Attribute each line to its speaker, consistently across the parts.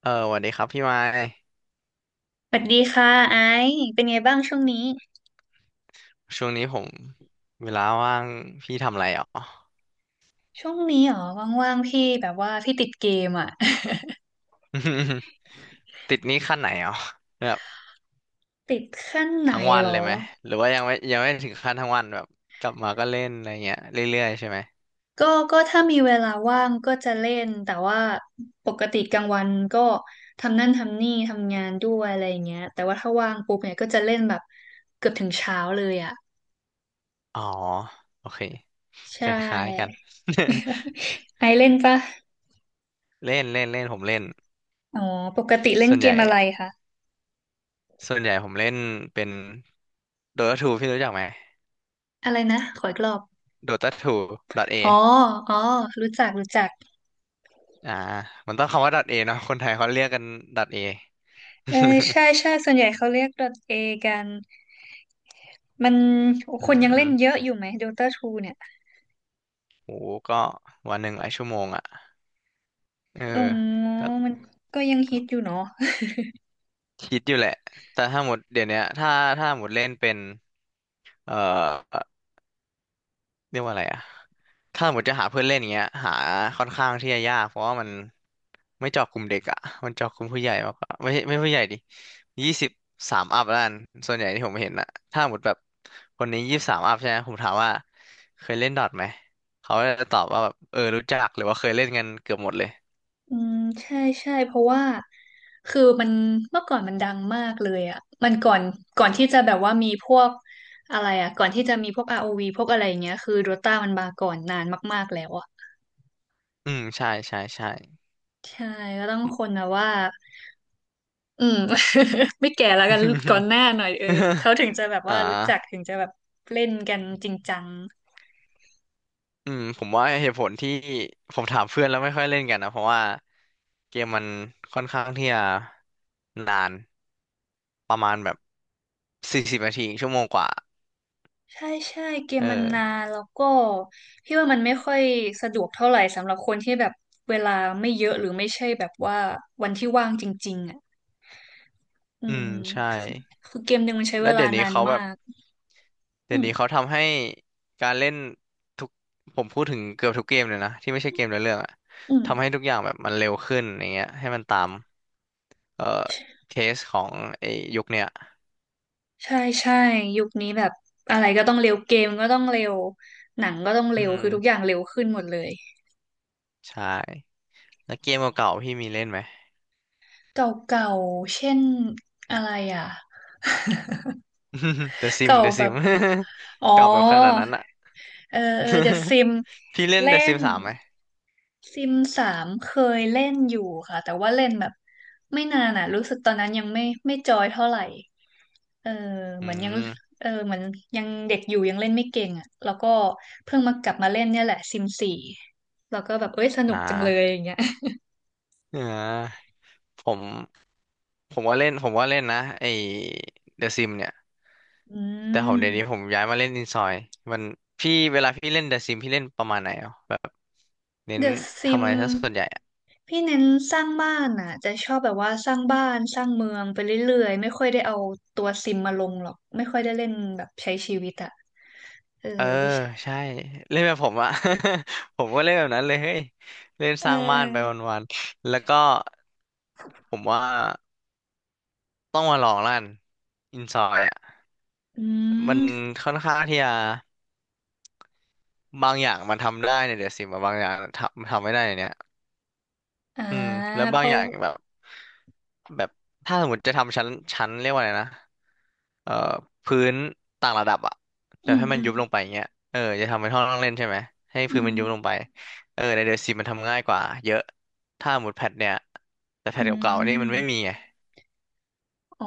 Speaker 1: เออสวัสดีครับพี่ไม้
Speaker 2: สวัสดีค่ะไอซ์เป็นไงบ้างช่วงนี้
Speaker 1: ช่วงนี้ผมเวลาว่างพี่ทำอะไรอ๋อ
Speaker 2: ช่วงนี้เหรอว่างๆพี่แบบว่าพี่ติดเกมอ่ะ
Speaker 1: ติดหนี้ขั้นไหนอ๋อแบบ
Speaker 2: ติดขั้นไหน
Speaker 1: ทั้งวัน
Speaker 2: เหร
Speaker 1: เล
Speaker 2: อ
Speaker 1: ยไหมหรือว่ายังไม่ถึงขั้นทั้งวันแบบกลับมาก็เล่นอะไรเงี้ยเรื่อยๆใช่ไหม
Speaker 2: ก็ก็ถ้ามีเวลาว่างก็จะเล่นแต่ว่าปกติกลางวันก็ทำนั่นทำนี่ทำงานด้วยอะไรอย่างเงี้ยแต่ว่าถ้าว่างปุ๊บเนี่ยก็จะเล่นแบบเกือบถึงเช้าเลยอ่ะ
Speaker 1: อ๋อโอเค
Speaker 2: ใช
Speaker 1: คล้ายๆกัน
Speaker 2: ่ไอซ์เล่นปะ
Speaker 1: เล่นเล่นเล่นผมเล่น
Speaker 2: อ๋อปกติเล่น
Speaker 1: ส่วน
Speaker 2: เก
Speaker 1: ใหญ่
Speaker 2: มอะไรคะ
Speaker 1: ส่วนใหญ่ผมเล่นเป็น Dota 2พี่รู้จักไหม
Speaker 2: อะไรนะขออีกรอบ
Speaker 1: Dota 2ดอ t A
Speaker 2: อ๋อ
Speaker 1: อ
Speaker 2: อ๋อรู้จักรู้จัก
Speaker 1: อ่ามันต้องคำว่า A เนาะคนไทยเขาเรียกกัน A
Speaker 2: เออใช่ใช่ส่วนใหญ่เขาเรียก d a กันมัน
Speaker 1: อื
Speaker 2: คนยังเล่
Speaker 1: ม
Speaker 2: นเยอะอยู่ไหม Dota ทูเนี่ย
Speaker 1: โหก็วันหนึ่งหลายชั่วโมงอ่ะเออ
Speaker 2: อ๋อ
Speaker 1: ก็
Speaker 2: มันก็ยังฮิตอยู่เนาะ
Speaker 1: คิดอยู่แหละแต่ถ้าหมดเดี๋ยวเนี้ยถ้าหมดเล่นเป็นเอ่อเรียกว่าอะไรอ่ะถ้าหมดจะหาเพื่อนเล่นอย่างเงี้ยหาค่อนข้างที่จะยากเพราะว่ามันไม่เจาะกลุ่มเด็กอ่ะมันเจาะกลุ่มผู้ใหญ่มากกว่าไม่ใช่ไม่ผู้ใหญ่ดิยี่สิบสามอัพแล้วกันส่วนใหญ่ที่ผมเห็นอ่ะถ้าหมดแบบคนนี้ยี่สิบสามอัพใช่ไหมผมถามว่าเคยเล่นดอทไหมเขาก็จะตอบว่าแบบเออรู้จักหรือว่าเคยเล่นกันเกือบหมดเลย
Speaker 2: อืมใช่ใช่เพราะว่าคือมันเมื่อก่อนมันดังมากเลยอ่ะมันก่อนก่อนที่จะแบบว่ามีพวกอะไรอ่ะก่อนที่จะมีพวก ROV พวกอะไรอย่างเงี้ยคือ Dota มันมาก่อนนานมากๆแล้วอ่ะ
Speaker 1: อืมใช่ใช่ใช่
Speaker 2: ใช่ก็ต้องคนนะว่าอืม ไม่แก่แล้วกันก่อนหน้า หน่อยเออเขาถึงจะแบบ
Speaker 1: อ่
Speaker 2: ว่ารู้จัก
Speaker 1: า
Speaker 2: ถึงจะแบบเล่นกันจริงจัง
Speaker 1: อืมผมว่าเหตุผลที่ผมถามเพื่อนแล้วไม่ค่อยเล่นกันนะเพราะว่าเกมมันค่อนข้างที่จะนานประมาณแบบสี่สิบนาทีชั่วโมงกว่า
Speaker 2: ใช่ใช่เกม
Speaker 1: เออ
Speaker 2: มันนานแล้วก็พี่ว่ามันไม่ค่อยสะดวกเท่าไหร่สำหรับคนที่แบบเวลาไม่เยอะหรือไม่ใช่แบบว่าวันที่ว่างจริงๆอ่ะอื
Speaker 1: อื
Speaker 2: ม
Speaker 1: มใช่
Speaker 2: คือคือเกมหนึ่งมันใช้เว
Speaker 1: แล้ว
Speaker 2: ลา
Speaker 1: เดี๋ยวนี้
Speaker 2: นาน
Speaker 1: เขา
Speaker 2: มา
Speaker 1: แบบ
Speaker 2: กอื
Speaker 1: เดี๋ยว
Speaker 2: ม
Speaker 1: นี้เขาทำให้การเล่นทุกผมพูดถึงเกือบทุกเกมเลยนะที่ไม่ใช่เกมในอเรื่องอะ
Speaker 2: อืม
Speaker 1: ทำให้ทุกอย่างแบบมันเร็วขึ้นอย่างเงี้ยให้มันตามเอ่อเคสของไอ้ยุคเนี้ย
Speaker 2: ใช่ใช่ยุคนี้แบบอะไรก็ต้องเร็วเกมก็ต้องเร็วหนังก็ต้อง
Speaker 1: อื
Speaker 2: เร็วคือทุกอ
Speaker 1: ม
Speaker 2: ย่างเร็วขึ้นหมดเลย
Speaker 1: ใช่แล้วเกมเก่าๆพี่มีเล่นไหม
Speaker 2: เก่าๆเช่นอะไรอ่ะ
Speaker 1: The Sim
Speaker 2: เก่า
Speaker 1: The
Speaker 2: แบบ
Speaker 1: Sim เดอะซิม
Speaker 2: อ๋อ
Speaker 1: เก่าแบบขนาดนั้นอะ
Speaker 2: เออเออเดอะซิม
Speaker 1: พี่เล่น
Speaker 2: เล่
Speaker 1: The Sim
Speaker 2: น
Speaker 1: สามไหม
Speaker 2: ซิมสามเคยเล่นอยู่ค่ะแต่ว่าเล่นแบบไม่นานอ่ะรู้สึกตอนนั้นยังไม่จอยเท่าไหร่เออ
Speaker 1: อื
Speaker 2: เหมือนยัง
Speaker 1: ม
Speaker 2: เออเหมือนยังเด็กอยู่ยังเล่นไม่เก่งอ่ะแล้วก็เพิ่งมากลับมาเล่นเนี่ยแหละซิมสี่แล้วก็แบบเอ้ยสนุ
Speaker 1: อ่
Speaker 2: กจังเลยอ
Speaker 1: า
Speaker 2: ย่างเงี้ย
Speaker 1: อ่าผมผมว่าเล่นผมว่าเล่นนะไอ้ The Sim เนี่ย
Speaker 2: อื
Speaker 1: แต่ผม
Speaker 2: ม
Speaker 1: เดี๋ยวนี้ผมย้ายมาเล่นอินซอยมันพี่เวลาพี่เล่น The Sim พี่เล่นประมาณไหนอ่ะแบบเน้น
Speaker 2: เดอะซิ
Speaker 1: ทำ
Speaker 2: ม
Speaker 1: อะไรซะส่วนใหญ่
Speaker 2: พี่เน้นสร้างบ้านอ่ะจะชอบแบบว่าสร้างบ้านสร้างเมืองไปเรื่อยๆไม่ค่อยได้เอาตัวซิมมาลงหรอกไม่ค่อยได้เล่นแบบใช้ชีวิตอ่ะเออ
Speaker 1: เออ
Speaker 2: พี่
Speaker 1: ใช่เล่นแบบผมอะ ผมก็เล่นแบบนั้นเลยเฮ้ยเล่น
Speaker 2: เอ
Speaker 1: สร้างบ้านไป
Speaker 2: อ
Speaker 1: วันๆแล้วก็ผมว่าต้องมาลองลั่นอินซอยอะ
Speaker 2: อื
Speaker 1: มัน
Speaker 2: ม
Speaker 1: ค่อนข้างที่จะบางอย่างมันทำได้เนี่ยเดี๋ยวสิมบางอย่างทำไม่ได้ในเนี่ย
Speaker 2: อ่า
Speaker 1: อืมแล้ว
Speaker 2: เพ
Speaker 1: บาง
Speaker 2: ราะ
Speaker 1: อย่างแบบ แบบถ้าสมมติจะทำชั้นเรียกว่าอะไรนะเอ่อพื้นต่างระดับอะแบ
Speaker 2: อื
Speaker 1: บ
Speaker 2: ม
Speaker 1: ให้มัน
Speaker 2: อืม
Speaker 1: ยุบลงไปอย่างเงี้ยเออจะทำเป็นห้องนั่งเล่นใช่ไหมให้
Speaker 2: อื
Speaker 1: พื้น
Speaker 2: ม
Speaker 1: มันยุบลงไปเออในเดอะซีมมันทำง่ายกว่าเยอะถ้าหมุดแพทเนี่ยแต่แพท
Speaker 2: อื
Speaker 1: เก่าๆนี่มันไม่มี
Speaker 2: ม
Speaker 1: ไง
Speaker 2: อ๋อ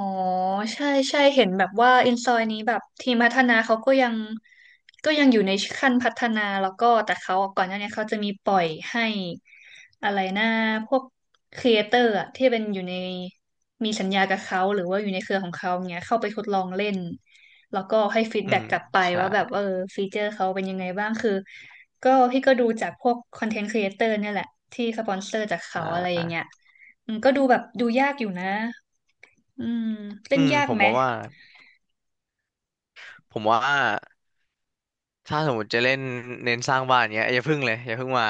Speaker 2: ใช่ใช่เห็นแบบว่าอินซอยนี้แบบทีมพัฒนาเขาก็ยังก็ยังอยู่ในขั้นพัฒนาแล้วก็แต่เขาก่อนหน้านี้เขาจะมีปล่อยให้อะไรนะพวกครีเอเตอร์อะที่เป็นอยู่ในมีสัญญากับเขาหรือว่าอยู่ในเครือของเขาเงี้ยเข้าไปทดลองเล่นแล้วก็ให้ฟีด
Speaker 1: อื
Speaker 2: แบ็ก
Speaker 1: ม
Speaker 2: กลับไป
Speaker 1: ใช่
Speaker 2: ว่าแบบเออฟีเจอร์เขาเป็นยังไงบ้างคือก็พี่ก็ดูจากพวกคอนเทนต์ครีเอเตอร์เนี่ยแหละที่สปอนเซอร์จากเขา
Speaker 1: อ่า
Speaker 2: อะไรอย่า
Speaker 1: อ่า
Speaker 2: งเงี้ยอืมก็ดูแบบดูยากอยู่นะ อืมเล่
Speaker 1: อื
Speaker 2: น
Speaker 1: ม
Speaker 2: ยาก
Speaker 1: ผม
Speaker 2: ไหม
Speaker 1: ว่าว่าผมว่าถ้าสมมติจะเล่นเน้นสร้างบ้านเงี้ยอย่าพึ่งเลยอย่าพึ่งมา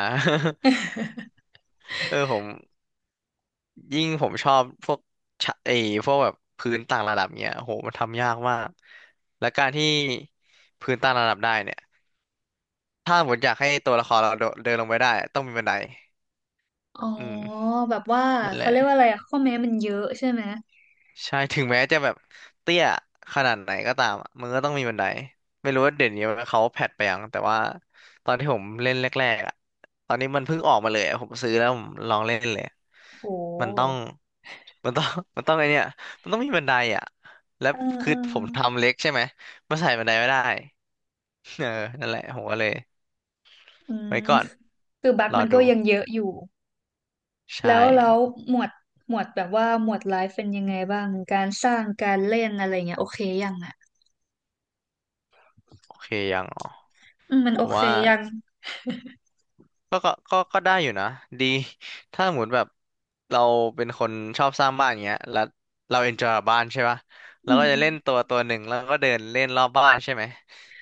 Speaker 1: เออผม ยิ่งผมชอบพวกชะพวกแบบพื้นต่างระดับเนี้ยโหมันทำยากมากและการที่พื้นต่างระดับได้เนี่ยถ้าผมอยากให้ตัวละครเราโดนเดินลงไปได้ต้องมีบันได
Speaker 2: อ๋อ
Speaker 1: อืม
Speaker 2: แบบว่า
Speaker 1: นั่นแห
Speaker 2: เขา
Speaker 1: ละ
Speaker 2: เรียกว่าอะไรอะข้อแม้มันเยอะใช่ไหม
Speaker 1: ใช่ถึงแม้จะแบบเตี้ยขนาดไหนก็ตามอะมันก็ต้องมีบันไดไม่รู้ว่าเดี๋ยวนี้เขาแพทไปยังแต่ว่าตอนที่ผมเล่นแรกๆอ่ะตอนนี้มันเพิ่งออกมาเลยอะผมซื้อแล้วผมลองเล่นเลย
Speaker 2: โ
Speaker 1: มันต้อง
Speaker 2: ห
Speaker 1: มันต้อง มันต้องไอเนี่ยมันต้องมีบันไดอ่ะแล้ว
Speaker 2: เออเอ
Speaker 1: คือ
Speaker 2: อ
Speaker 1: ผมทำเล็กใช่ไหมมันใส่บันไดไม่ได้ เออนั่นแหละผมก็เลย
Speaker 2: อื
Speaker 1: ไว้
Speaker 2: ม
Speaker 1: ก่อน
Speaker 2: คือบั๊ก
Speaker 1: รอ
Speaker 2: มันก็
Speaker 1: ดู
Speaker 2: ยังเยอะอยู่แล้
Speaker 1: ใช่
Speaker 2: วแล้วหมวดหมวดแบบว่าหมวดไลฟ์เป็นยังไงบ้างการสร้างการเล่นอะไรเงี้ยโอเคยังอะ
Speaker 1: โอเคยังอ๋อ
Speaker 2: อืมมัน
Speaker 1: ผ
Speaker 2: โอ
Speaker 1: ม
Speaker 2: เค
Speaker 1: ว่า
Speaker 2: ยัง
Speaker 1: ก็ได้อยู่นะดี ถ้าสมมติแบบเราเป็นคนชอบสร้างบ้านอย่างเงี้ยแล้วเราเอนจอยบ้านใช่ปะ
Speaker 2: อื
Speaker 1: เราก็
Speaker 2: ม
Speaker 1: จะเล่นตัวตัวหนึ่งแล้วก็เดินเล่นรอบบ้านใช่ไหม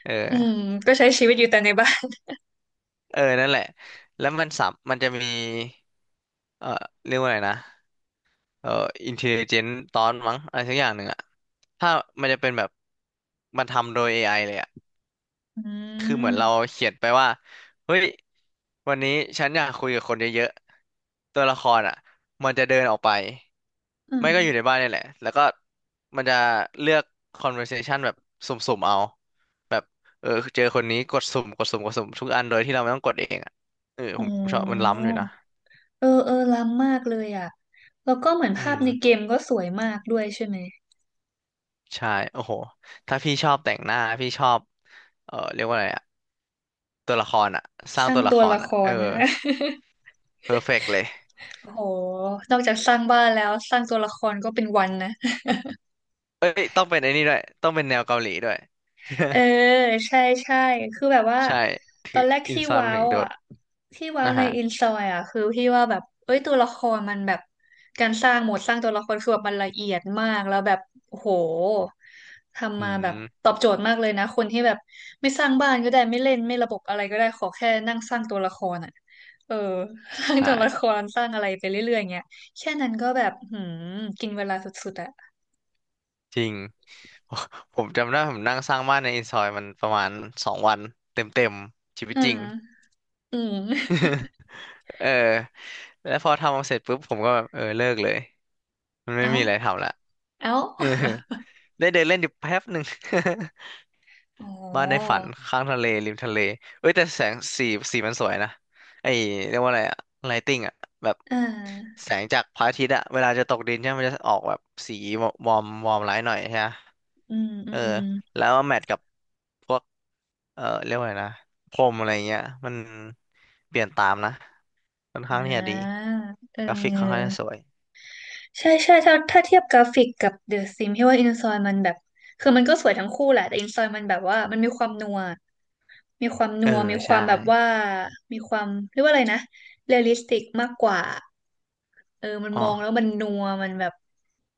Speaker 1: เออ
Speaker 2: อืมก็ใช้ชีวิตอยู่แต่ในบ้าน
Speaker 1: เออนั่นแหละแล้วมันสัมมันจะมีเออเรียกว่าอะไรนะ เอ่ออินเทลเจนตอนมั้งอะไรสักอย่างหนึ่งอะถ้ามันจะเป็นแบบมันทำโดย AI เลยอะ
Speaker 2: อื
Speaker 1: คือเหมื
Speaker 2: ม
Speaker 1: อนเราเขียนไปว่าเฮ้ยวันนี้ฉันอยากคุยกับคนเยอะๆตัวละครอะมันจะเดินออกไป
Speaker 2: อื
Speaker 1: ไม่
Speaker 2: ม
Speaker 1: ก็อยู่ในบ้านนี่แหละแล้วก็มันจะเลือก conversation แบบสุ่มๆเอาแบบเออเจอคนนี้กดสุ่มกดสุ่มกดสุ่มทุกอันโดยที่เราไม่ต้องกดเองอะเออ
Speaker 2: อ๋
Speaker 1: ผมชอบมัน
Speaker 2: อ
Speaker 1: ล้ำอยู่นะ
Speaker 2: เออเออล้ำมากเลยอ่ะ แล้วก็เหมือน
Speaker 1: อื
Speaker 2: ภาพในเก
Speaker 1: ม
Speaker 2: มก็สวยมากด้วยใช่ไหม
Speaker 1: ใช่ โอ้โห ถ้าพี่ชอบแต่งหน้าพี่ชอบ เออเรียกว่าอะไรอะตัวละครอะสร้า
Speaker 2: ส
Speaker 1: ง
Speaker 2: ร้าง
Speaker 1: ตัวละ
Speaker 2: ตัว
Speaker 1: คร
Speaker 2: ละค
Speaker 1: อะเอ
Speaker 2: ร
Speaker 1: อ
Speaker 2: นะ
Speaker 1: เพอร์เฟกเลย
Speaker 2: โอ้โหนอกจากสร้างบ้านแล้วสร้างตัวละครก็เป็นวันนะ
Speaker 1: เอ้ยต้องเป็นไอ้นี่ด้วยต้องเป็นแนวเกาหลีด้วย
Speaker 2: เออใช่ใช่คือแบบว่า
Speaker 1: ใช่
Speaker 2: ตอนแรก
Speaker 1: อิน
Speaker 2: ที่
Speaker 1: ซอนมั
Speaker 2: ว้า
Speaker 1: นถึ
Speaker 2: ว
Speaker 1: งโด
Speaker 2: อ่ะ
Speaker 1: ด
Speaker 2: ที่ว้าว
Speaker 1: นะ
Speaker 2: ใน
Speaker 1: ฮะ
Speaker 2: อินซอยอ่ะคือพี่ว่าแบบเอ้ยตัวละครมันแบบการสร้างโหมดสร้างตัวละครคือแบบมันละเอียดมากแล้วแบบโอ้โหทำ
Speaker 1: อื
Speaker 2: มาแบบต
Speaker 1: ม
Speaker 2: อบโจทย์มากเลยนะคนที่แบบไม่สร้างบ้านก็ได้ไม่เล่นไม่ระบบอะไรก็ได้ขอแค่นั่งสร้างตัวละครอ่ะเออ ส
Speaker 1: ใช
Speaker 2: ร้างตัวละค
Speaker 1: ่
Speaker 2: รสร้างอะไรไปเรื่อยๆอย่างเงี้ยแค่นั้นก็แบบหืมกินเวลาสุดๆอ่ะ
Speaker 1: จริง ผมจำได้ผมนั่งสร้างบ้านในอินซอยมันประมาณสองวันเต็มๆชีวิต
Speaker 2: อื
Speaker 1: จริง
Speaker 2: มอืม
Speaker 1: เออแล้วพอทำเสร็จปุ๊บผมก็แบบเออเลิกเลยมัน ไม่
Speaker 2: เอ้า
Speaker 1: มีอะไรทำละ
Speaker 2: เอ้า
Speaker 1: เออได้เดินเล่นอยู่แป๊บหนึ่ง
Speaker 2: อ๋อ
Speaker 1: บ้านในฝันข้างทะเลริมทะเลเอ้ยแต่แสงสีมันสวยนะไอ้เรียกว่าอะไรอะไลติ้งอะแบบ
Speaker 2: อ่า
Speaker 1: แสงจากพระอาทิตย์อะเวลาจะตกดินใช่ไหมมันจะออกแบบสีวอร์มวอร์มไลท์หน่อยใช่ไหม
Speaker 2: อืมอื
Speaker 1: เออ
Speaker 2: ม
Speaker 1: แล้วมาแมทกับพวกเออเรียกว่าอะไงนะพรมอะไรเงี้ยมันเปลี่ยนตามนะค่อน
Speaker 2: อ่
Speaker 1: ข้างที่จะดี
Speaker 2: าเ
Speaker 1: กราฟิกค่อนข้างจะ
Speaker 2: ออ
Speaker 1: สวย
Speaker 2: ใช่ใช่ถ้าเทียบกราฟิกกับเดอะซิมที่ว่าอินซอยมันแบบ คือมันก็สวยทั้งคู่แหละ แต่อินซอยมันแบบว่ามันมีความนัวมีความ
Speaker 1: เอ
Speaker 2: นั
Speaker 1: อ
Speaker 2: วมีค
Speaker 1: ใช่
Speaker 2: วามแบบว่า มีความเรียกว่าอะไรนะเรียลลิสติกมากกว่าเออมัน
Speaker 1: อ๋อ
Speaker 2: มองแล้วมันนัวมันแบบ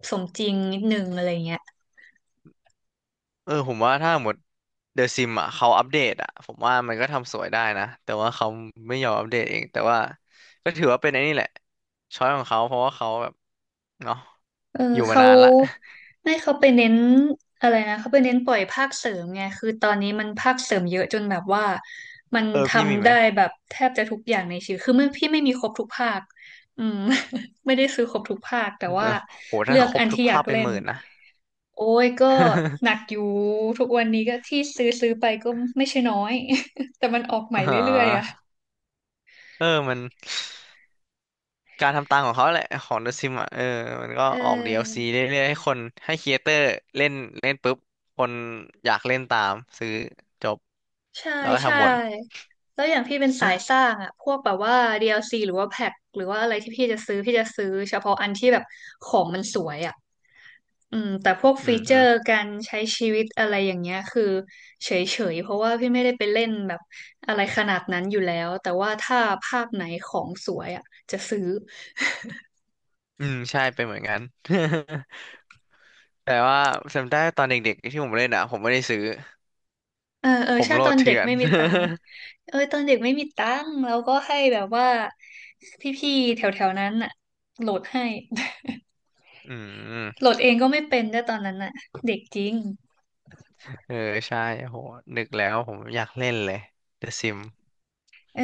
Speaker 2: สมจริงนิดนึงอะไรเงี้ย
Speaker 1: เออผมว่าถ้าหมดเดอะซิมอ่ะเขาอัปเดตอ่ะผมว่ามันก็ทำสวยได้นะแต่ว่าเขาไม่ยอมอัปเดตเองแต่ว่าก็ถือว่าเป็นไอ้นี่แหละช้อยของเขาเพราะว่าเขาแบบเนาะ
Speaker 2: เออ
Speaker 1: อยู่มา
Speaker 2: เขา
Speaker 1: นานละ
Speaker 2: ไม่เขาไปเน้นอะไรนะเขาไปเน้นปล่อยภาคเสริมไงคือตอนนี้มันภาคเสริมเยอะจนแบบว่ามัน
Speaker 1: เออ
Speaker 2: ท
Speaker 1: พี่มี
Speaker 2: ำ
Speaker 1: ไหม
Speaker 2: ได้แบบแทบจะทุกอย่างในชีวิตคือไม่พี่ไม่มีครบทุกภาคอืม ไม่ได้ซื้อครบทุกภาคแต่
Speaker 1: เออ
Speaker 2: ว่า
Speaker 1: โห
Speaker 2: เลื
Speaker 1: ถ้า
Speaker 2: อก
Speaker 1: ครบ
Speaker 2: อัน
Speaker 1: ทุก
Speaker 2: ที่อยา
Speaker 1: ภา
Speaker 2: ก
Speaker 1: พเป็น
Speaker 2: เล่
Speaker 1: ห
Speaker 2: น
Speaker 1: มื่นนะ
Speaker 2: โอ้ยก็หนัก อยู่ทุกวันนี้ก็ที่ซื้อไปก็ไม่ใช่น้อย แต่มันออกใหม่
Speaker 1: อ๋
Speaker 2: เรื่อยๆอ่ะ
Speaker 1: อเออมันการทำตังของเขาแหละของเดอะซิมอ่ะเออมันก็
Speaker 2: เอ
Speaker 1: ออกดีแอลซี
Speaker 2: อ
Speaker 1: เรื่อยๆให้คนให้ครีเอเตอร์เล่นเล่นปุ๊บคนอยากเล่นตามซื้อจบ
Speaker 2: ใช่
Speaker 1: แล้วก็
Speaker 2: ใช่
Speaker 1: ทำวน
Speaker 2: แล้วอย่างพี่เป็นสายสร้างอะพวกแบบว่า DLC หรือว่าแพ็คหรือว่าอะไรที่พี่จะซื้อเฉพาะอันที่แบบของมันสวยอะอืมแต่พวก
Speaker 1: อื
Speaker 2: ฟีเจอ
Speaker 1: ม
Speaker 2: ร์การใช้ชีวิตอะไรอย่างเงี้ยคือเฉยๆเพราะว่าพี่ไม่ได้ไปเล่นแบบอะไรขนาดนั้นอยู่แล้วแต่ว่าถ้าภาพไหนของสวยอะจะซื้อ
Speaker 1: อืมใช่เป็นเหมือนกัน แต่ว่าจำได้ตอนเด็กๆที่ผมเล่นอ่ะผมไม่ได้ซื้อ
Speaker 2: เออเออ
Speaker 1: ผม
Speaker 2: ใช่
Speaker 1: โหล
Speaker 2: ตอ
Speaker 1: ด
Speaker 2: นเด็
Speaker 1: เถื่
Speaker 2: ก
Speaker 1: อน
Speaker 2: ไม่มีตังค์เออตอนเด็กไม่มีตังค์แล้วก็ให้แบบว่าพี่ๆแถวๆนั้นอะโหลดให้
Speaker 1: อื
Speaker 2: โห
Speaker 1: ม
Speaker 2: ลดเองก็ไม่เป็นด้วยตอนนั้นน่ะเด็กจริง
Speaker 1: เออใช่โหนึกแล้วผมอยากเล่นเลย The Sim
Speaker 2: เออ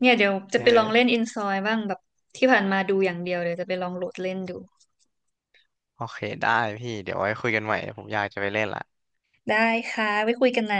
Speaker 2: เนี่ยเดี๋ยวจะ
Speaker 1: เ
Speaker 2: ไปลองเล่น
Speaker 1: ออ
Speaker 2: อินซอยบ้างแบบที่ผ่านมาดูอย่างเดียวเดี๋ยวจะไปลองโหลดเล่นดู
Speaker 1: โอเคได้พี่เดี๋ยวไว้คุยกันใหม่ผมอยากจะไปเล่นละ
Speaker 2: ได้ค่ะไว้คุยกันนะ